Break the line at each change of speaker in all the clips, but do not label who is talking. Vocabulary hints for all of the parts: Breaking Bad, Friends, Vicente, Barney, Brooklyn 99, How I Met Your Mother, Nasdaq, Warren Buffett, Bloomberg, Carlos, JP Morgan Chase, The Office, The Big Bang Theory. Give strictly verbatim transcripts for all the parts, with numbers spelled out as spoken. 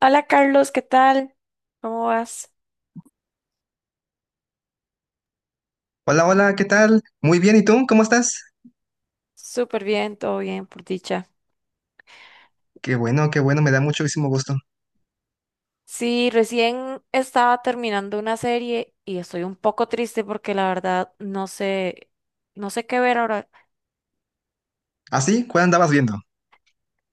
Hola Carlos, ¿qué tal? ¿Cómo vas?
Hola, hola, ¿qué tal? Muy bien, ¿y tú? ¿Cómo estás?
Súper bien, todo bien, por dicha.
Qué bueno, qué bueno, me da muchísimo gusto.
Sí, recién estaba terminando una serie y estoy un poco triste porque la verdad no sé, no sé qué ver ahora.
¿Ah, sí? ¿Cuál andabas viendo?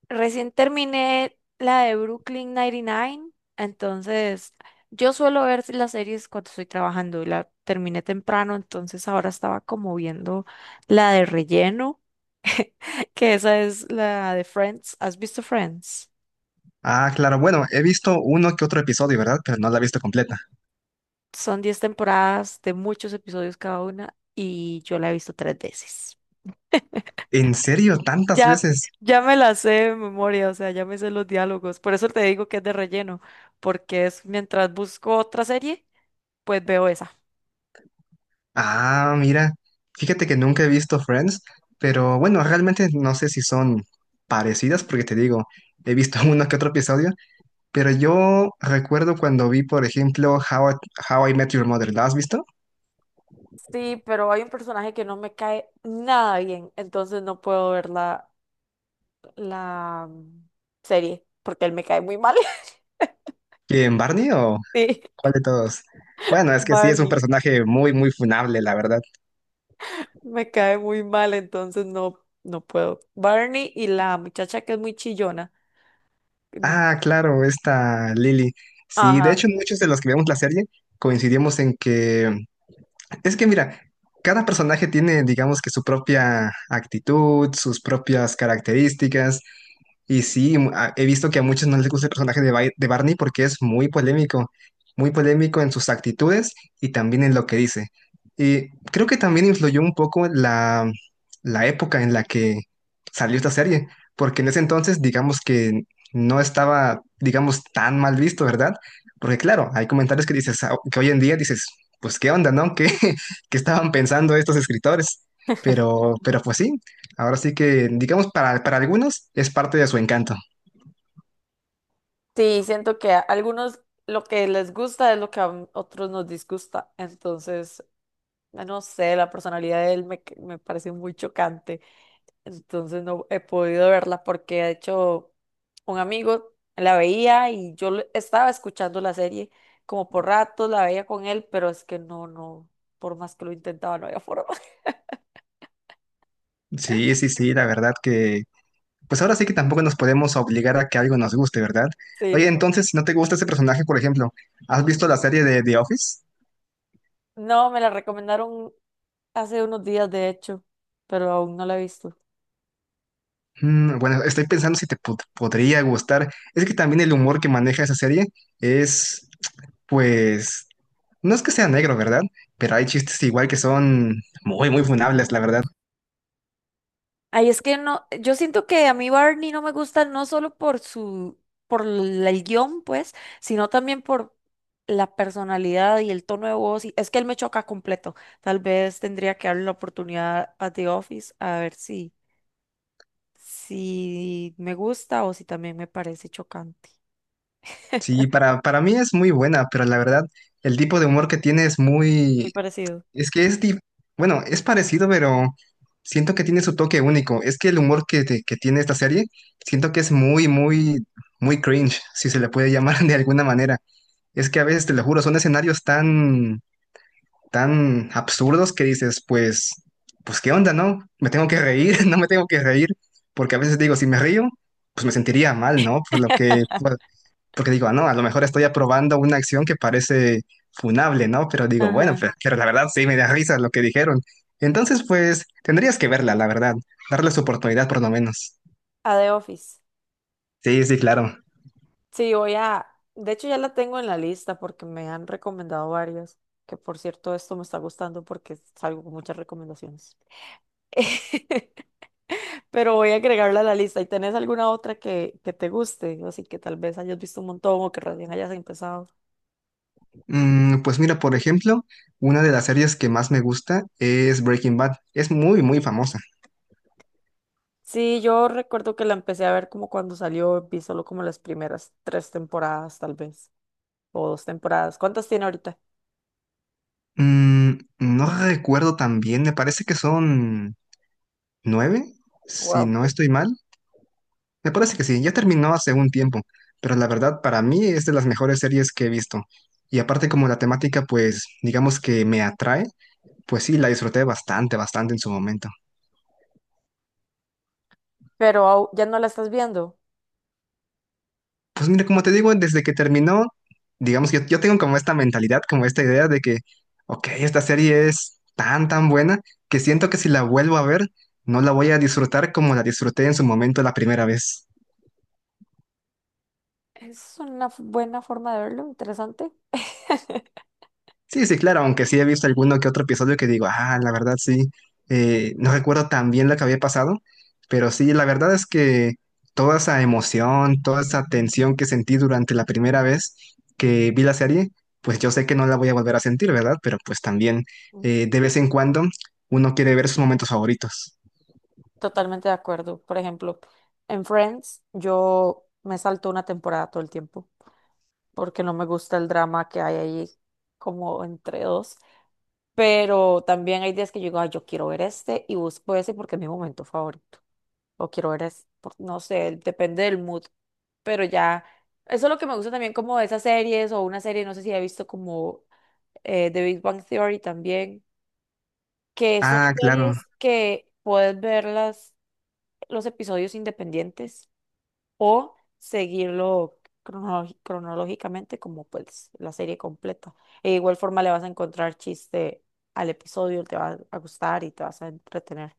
Recién terminé la de Brooklyn noventa y nueve, entonces yo suelo ver las series cuando estoy trabajando y la terminé temprano, entonces ahora estaba como viendo la de relleno, que esa es la de Friends. ¿Has visto Friends?
Ah, claro, bueno, he visto uno que otro episodio, ¿verdad? Pero no la he visto completa.
Son diez temporadas de muchos episodios cada una y yo la he visto tres veces.
¿En serio? ¿Tantas
Ya,
veces?
ya me la sé de memoria, o sea, ya me sé los diálogos. Por eso te digo que es de relleno, porque es mientras busco otra serie, pues veo esa.
Ah, mira, fíjate que nunca he visto Friends, pero bueno, realmente no sé si son parecidas, porque te digo, he visto uno que otro episodio. Pero yo recuerdo cuando vi, por ejemplo, How I, How I Met Your Mother. ¿La has visto?
Sí, pero hay un personaje que no me cae nada bien, entonces no puedo ver la, la mm, serie, porque él me cae muy mal.
¿Quién, Barney o
Sí,
cuál de todos? Bueno, es que sí, es un
Barney.
personaje muy, muy funable, la verdad.
Me cae muy mal, entonces no, no puedo. Barney y la muchacha que es muy chillona. No.
Ah, claro, esta Lily. Sí, de
Ajá.
hecho, muchos de los que vemos la serie coincidimos en que... Es que mira, cada personaje tiene, digamos que su propia actitud, sus propias características. Y sí, mu- a- he visto que a muchos no les gusta el personaje de, Bai- de Barney, porque es muy polémico, muy polémico en sus actitudes y también en lo que dice. Y creo que también influyó un poco la, la época en la que salió esta serie, porque en ese entonces, digamos que no estaba, digamos, tan mal visto, ¿verdad? Porque claro, hay comentarios que dices, ah, que hoy en día dices, pues qué onda, ¿no? ¿Qué, que estaban pensando estos escritores? Pero, pero pues sí, ahora sí que, digamos, para, para algunos es parte de su encanto.
Sí, siento que a algunos lo que les gusta es lo que a otros nos disgusta. Entonces, ah, no sé, la personalidad de él me, me parece muy chocante. Entonces, no he podido verla porque, de hecho, un amigo la veía y yo le- estaba escuchando la serie como por ratos, la veía con él, pero es que no, no, por más que lo intentaba, no había forma.
Sí, sí, sí, la verdad que, pues ahora sí que tampoco nos podemos obligar a que algo nos guste, ¿verdad?
Sí,
Oye,
no.
entonces, si no te gusta ese personaje, por ejemplo, ¿has visto la serie de The Office?
No, me la recomendaron hace unos días, de hecho, pero aún no la he visto.
Mm, bueno, estoy pensando si te pod- podría gustar. Es que también el humor que maneja esa serie es, pues, no es que sea negro, ¿verdad? Pero hay chistes igual que son muy, muy funables, la verdad.
Ay, es que no, yo siento que a mí Barney no me gusta no solo por su, por la- el guión, pues, sino también por la personalidad y el tono de voz. Y- es que él me choca completo. Tal vez tendría que darle la oportunidad a The Office a ver si, si me gusta o si también me parece chocante.
Sí, para, para mí es muy buena, pero la verdad, el tipo de humor que tiene es
Muy
muy...
parecido.
Es que es... di- bueno, es parecido, pero siento que tiene su toque único. Es que el humor que, te- que tiene esta serie, siento que es muy, muy, muy cringe, si se le puede llamar de alguna manera. Es que a veces, te lo juro, son escenarios tan, tan absurdos que dices, pues, pues, ¿qué onda, no? ¿Me tengo que reír? ¿No me tengo que reír? Porque a veces digo, si me río, pues me sentiría mal, ¿no? Por lo que... porque digo, ah, no, a lo mejor estoy aprobando una acción que parece funable, ¿no? Pero digo, bueno,
Ajá.
pues, pero la verdad sí me da risa lo que dijeron. Entonces, pues, tendrías que verla, la verdad, darle su oportunidad por lo menos.
A The Office.
Sí, sí, claro.
Sí, voy a, de hecho ya la tengo en la lista porque me han recomendado varias, que por cierto esto me está gustando porque salgo con muchas recomendaciones. Pero voy a agregarla a la lista. ¿Y tenés alguna otra que, que te guste? Así que tal vez hayas visto un montón o que recién hayas empezado.
Mm, pues mira, por ejemplo, una de las series que más me gusta es Breaking Bad. Es muy, muy famosa.
Sí, yo recuerdo que la empecé a ver como cuando salió, vi solo como las primeras tres temporadas tal vez, o dos temporadas. ¿Cuántas tiene ahorita?
Mm, no recuerdo tan bien, me parece que son nueve, si
Wow,
no
sí.
estoy mal. Me parece que sí, ya terminó hace un tiempo, pero la verdad para mí es de las mejores series que he visto. Y aparte como la temática pues digamos que me atrae, pues sí, la disfruté bastante, bastante en su momento.
Pero au- ya no la estás viendo.
Pues mira, como te digo, desde que terminó, digamos que yo, yo tengo como esta mentalidad, como esta idea de que, ok, esta serie es tan, tan buena que siento que si la vuelvo a ver, no la voy a disfrutar como la disfruté en su momento la primera vez.
Es una f- buena forma de verlo, interesante.
Sí, sí, claro, aunque sí he visto alguno que otro episodio que digo, ah, la verdad sí, eh, no recuerdo tan bien lo que había pasado, pero sí, la verdad es que toda esa emoción, toda esa tensión que sentí durante la primera vez que vi la serie, pues yo sé que no la voy a volver a sentir, ¿verdad? Pero pues también
Mm.
eh, de vez en cuando uno quiere ver sus momentos favoritos.
Totalmente de acuerdo. Por ejemplo, en Friends yo me salto una temporada todo el tiempo porque no me gusta el drama que hay ahí como entre dos. Pero también hay días que yo digo, "Ay, yo quiero ver este y busco ese porque es mi momento favorito. O quiero ver este, por- no sé, depende del mood. Pero ya, eso es lo que me gusta también como de esas series o una serie, no sé si he visto como eh, The Big Bang Theory también, que son
Ah, claro.
series que puedes verlas los episodios independientes o seguirlo cronológi- cronológicamente como pues la serie completa. E igual forma le vas a encontrar chiste al episodio, te va a gustar y te vas a entretener.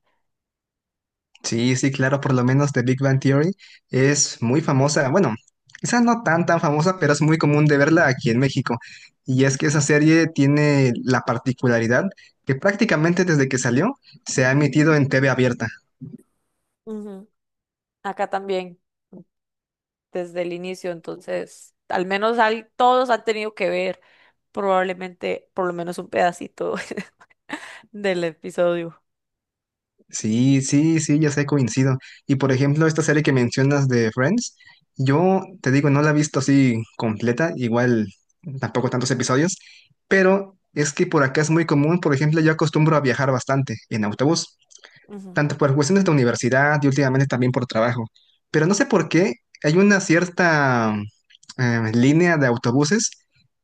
Sí, sí, claro, por lo menos The Big Bang Theory es muy famosa, bueno, quizá no tan tan famosa, pero es muy común de verla aquí en México. Y es que esa serie tiene la particularidad que prácticamente desde que salió se ha emitido en T V abierta.
Ujú. Acá también, desde el inicio, entonces, al menos al- todos han tenido que ver probablemente por lo menos un pedacito del episodio.
Sí, sí, sí, ya sé, coincido. Y por ejemplo, esta serie que mencionas de Friends, yo te digo, no la he visto así completa, igual tampoco tantos episodios, pero es que por acá es muy común, por ejemplo, yo acostumbro a viajar bastante en autobús.
Ujú.
Tanto por cuestiones de universidad y últimamente también por trabajo. Pero no sé por qué hay una cierta eh, línea de autobuses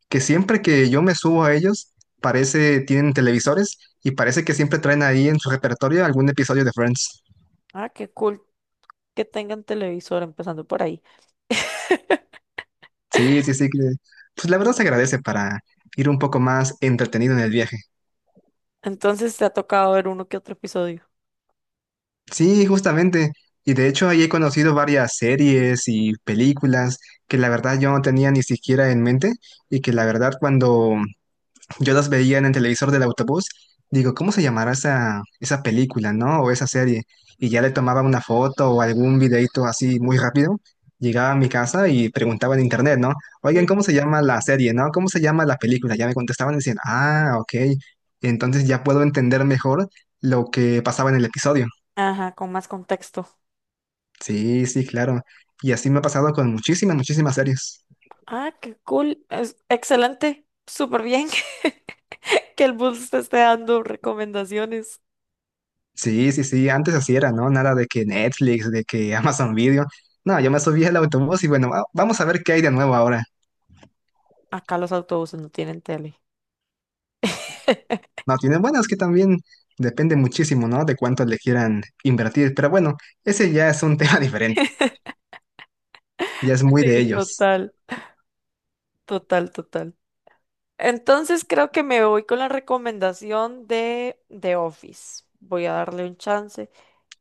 que siempre que yo me subo a ellos, parece, tienen televisores y parece que siempre traen ahí en su repertorio algún episodio de Friends.
Ah, qué cool que tengan televisor empezando por ahí.
Sí, sí, sí, que pues la verdad se agradece para ir un poco más entretenido en el viaje.
Entonces te ha tocado ver uno que otro episodio.
Sí, justamente. Y de hecho ahí he conocido varias series y películas que la verdad yo no tenía ni siquiera en mente y que la verdad cuando... Yo las veía en el televisor del autobús, digo, ¿cómo se llamará esa, esa película, ¿no? O esa serie. Y ya le tomaba una foto o algún videito así muy rápido. Llegaba a mi casa y preguntaba en internet, ¿no? Oigan, ¿cómo
Ujú.
se llama la serie, ¿no? ¿Cómo se llama la película? Ya me contestaban y decían, ah, ok. Entonces ya puedo entender mejor lo que pasaba en el episodio.
Ajá, con más contexto.
Sí, sí, claro. Y así me ha pasado con muchísimas, muchísimas series.
Ah, qué cool. Es excelente. Súper bien que el bus te esté dando recomendaciones.
Sí, sí, sí, antes así era, ¿no? Nada de que Netflix, de que Amazon Video. No, yo me subí al autobús y bueno, va- vamos a ver qué hay de nuevo ahora.
Acá los autobuses no tienen tele.
No, tienen, bueno, es que también depende muchísimo, ¿no? De cuánto le quieran invertir. Pero bueno, ese ya es un tema diferente, ya es muy de
Sí,
ellos.
total, total, total. Entonces creo que me voy con la recomendación de The Office. Voy a darle un chance.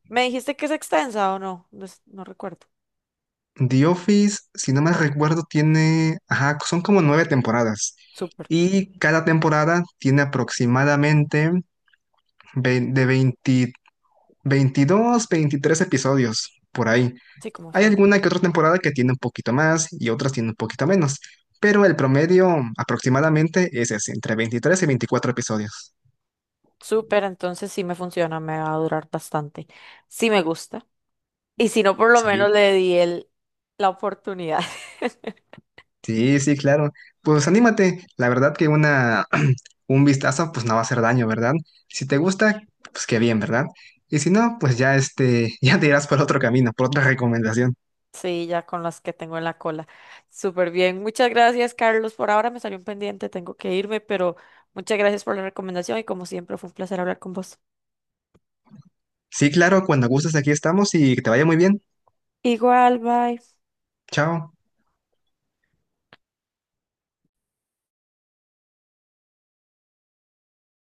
¿Me dijiste que es extensa o no? No, es- no recuerdo.
The Office, si no me recuerdo, tiene, ajá, son como nueve temporadas.
Súper,
Y cada temporada tiene aproximadamente vein- de veinte veintidós, veintitrés episodios por ahí.
sí, como
Hay
Friend.
alguna que otra temporada que tiene un poquito más y otras tiene un poquito menos, pero el promedio aproximadamente es ese, entre veintitrés y veinticuatro episodios.
Súper, entonces sí me funciona, me va a durar bastante. Sí me gusta. Y si no, por lo
Sí,
menos le di el, la oportunidad.
sí, sí, claro. Pues anímate, la verdad que una un vistazo pues no va a hacer daño, ¿verdad? Si te gusta, pues qué bien, ¿verdad? Y si no, pues ya este, ya te irás por otro camino, por otra recomendación.
Sí, ya con las que tengo en la cola. Súper bien. Muchas gracias, Carlos. Por ahora me salió un pendiente, tengo que irme, pero muchas gracias por la recomendación y como siempre fue un placer hablar con vos.
Sí, claro, cuando gustes aquí estamos y que te vaya muy bien.
Igual, bye.
Chao.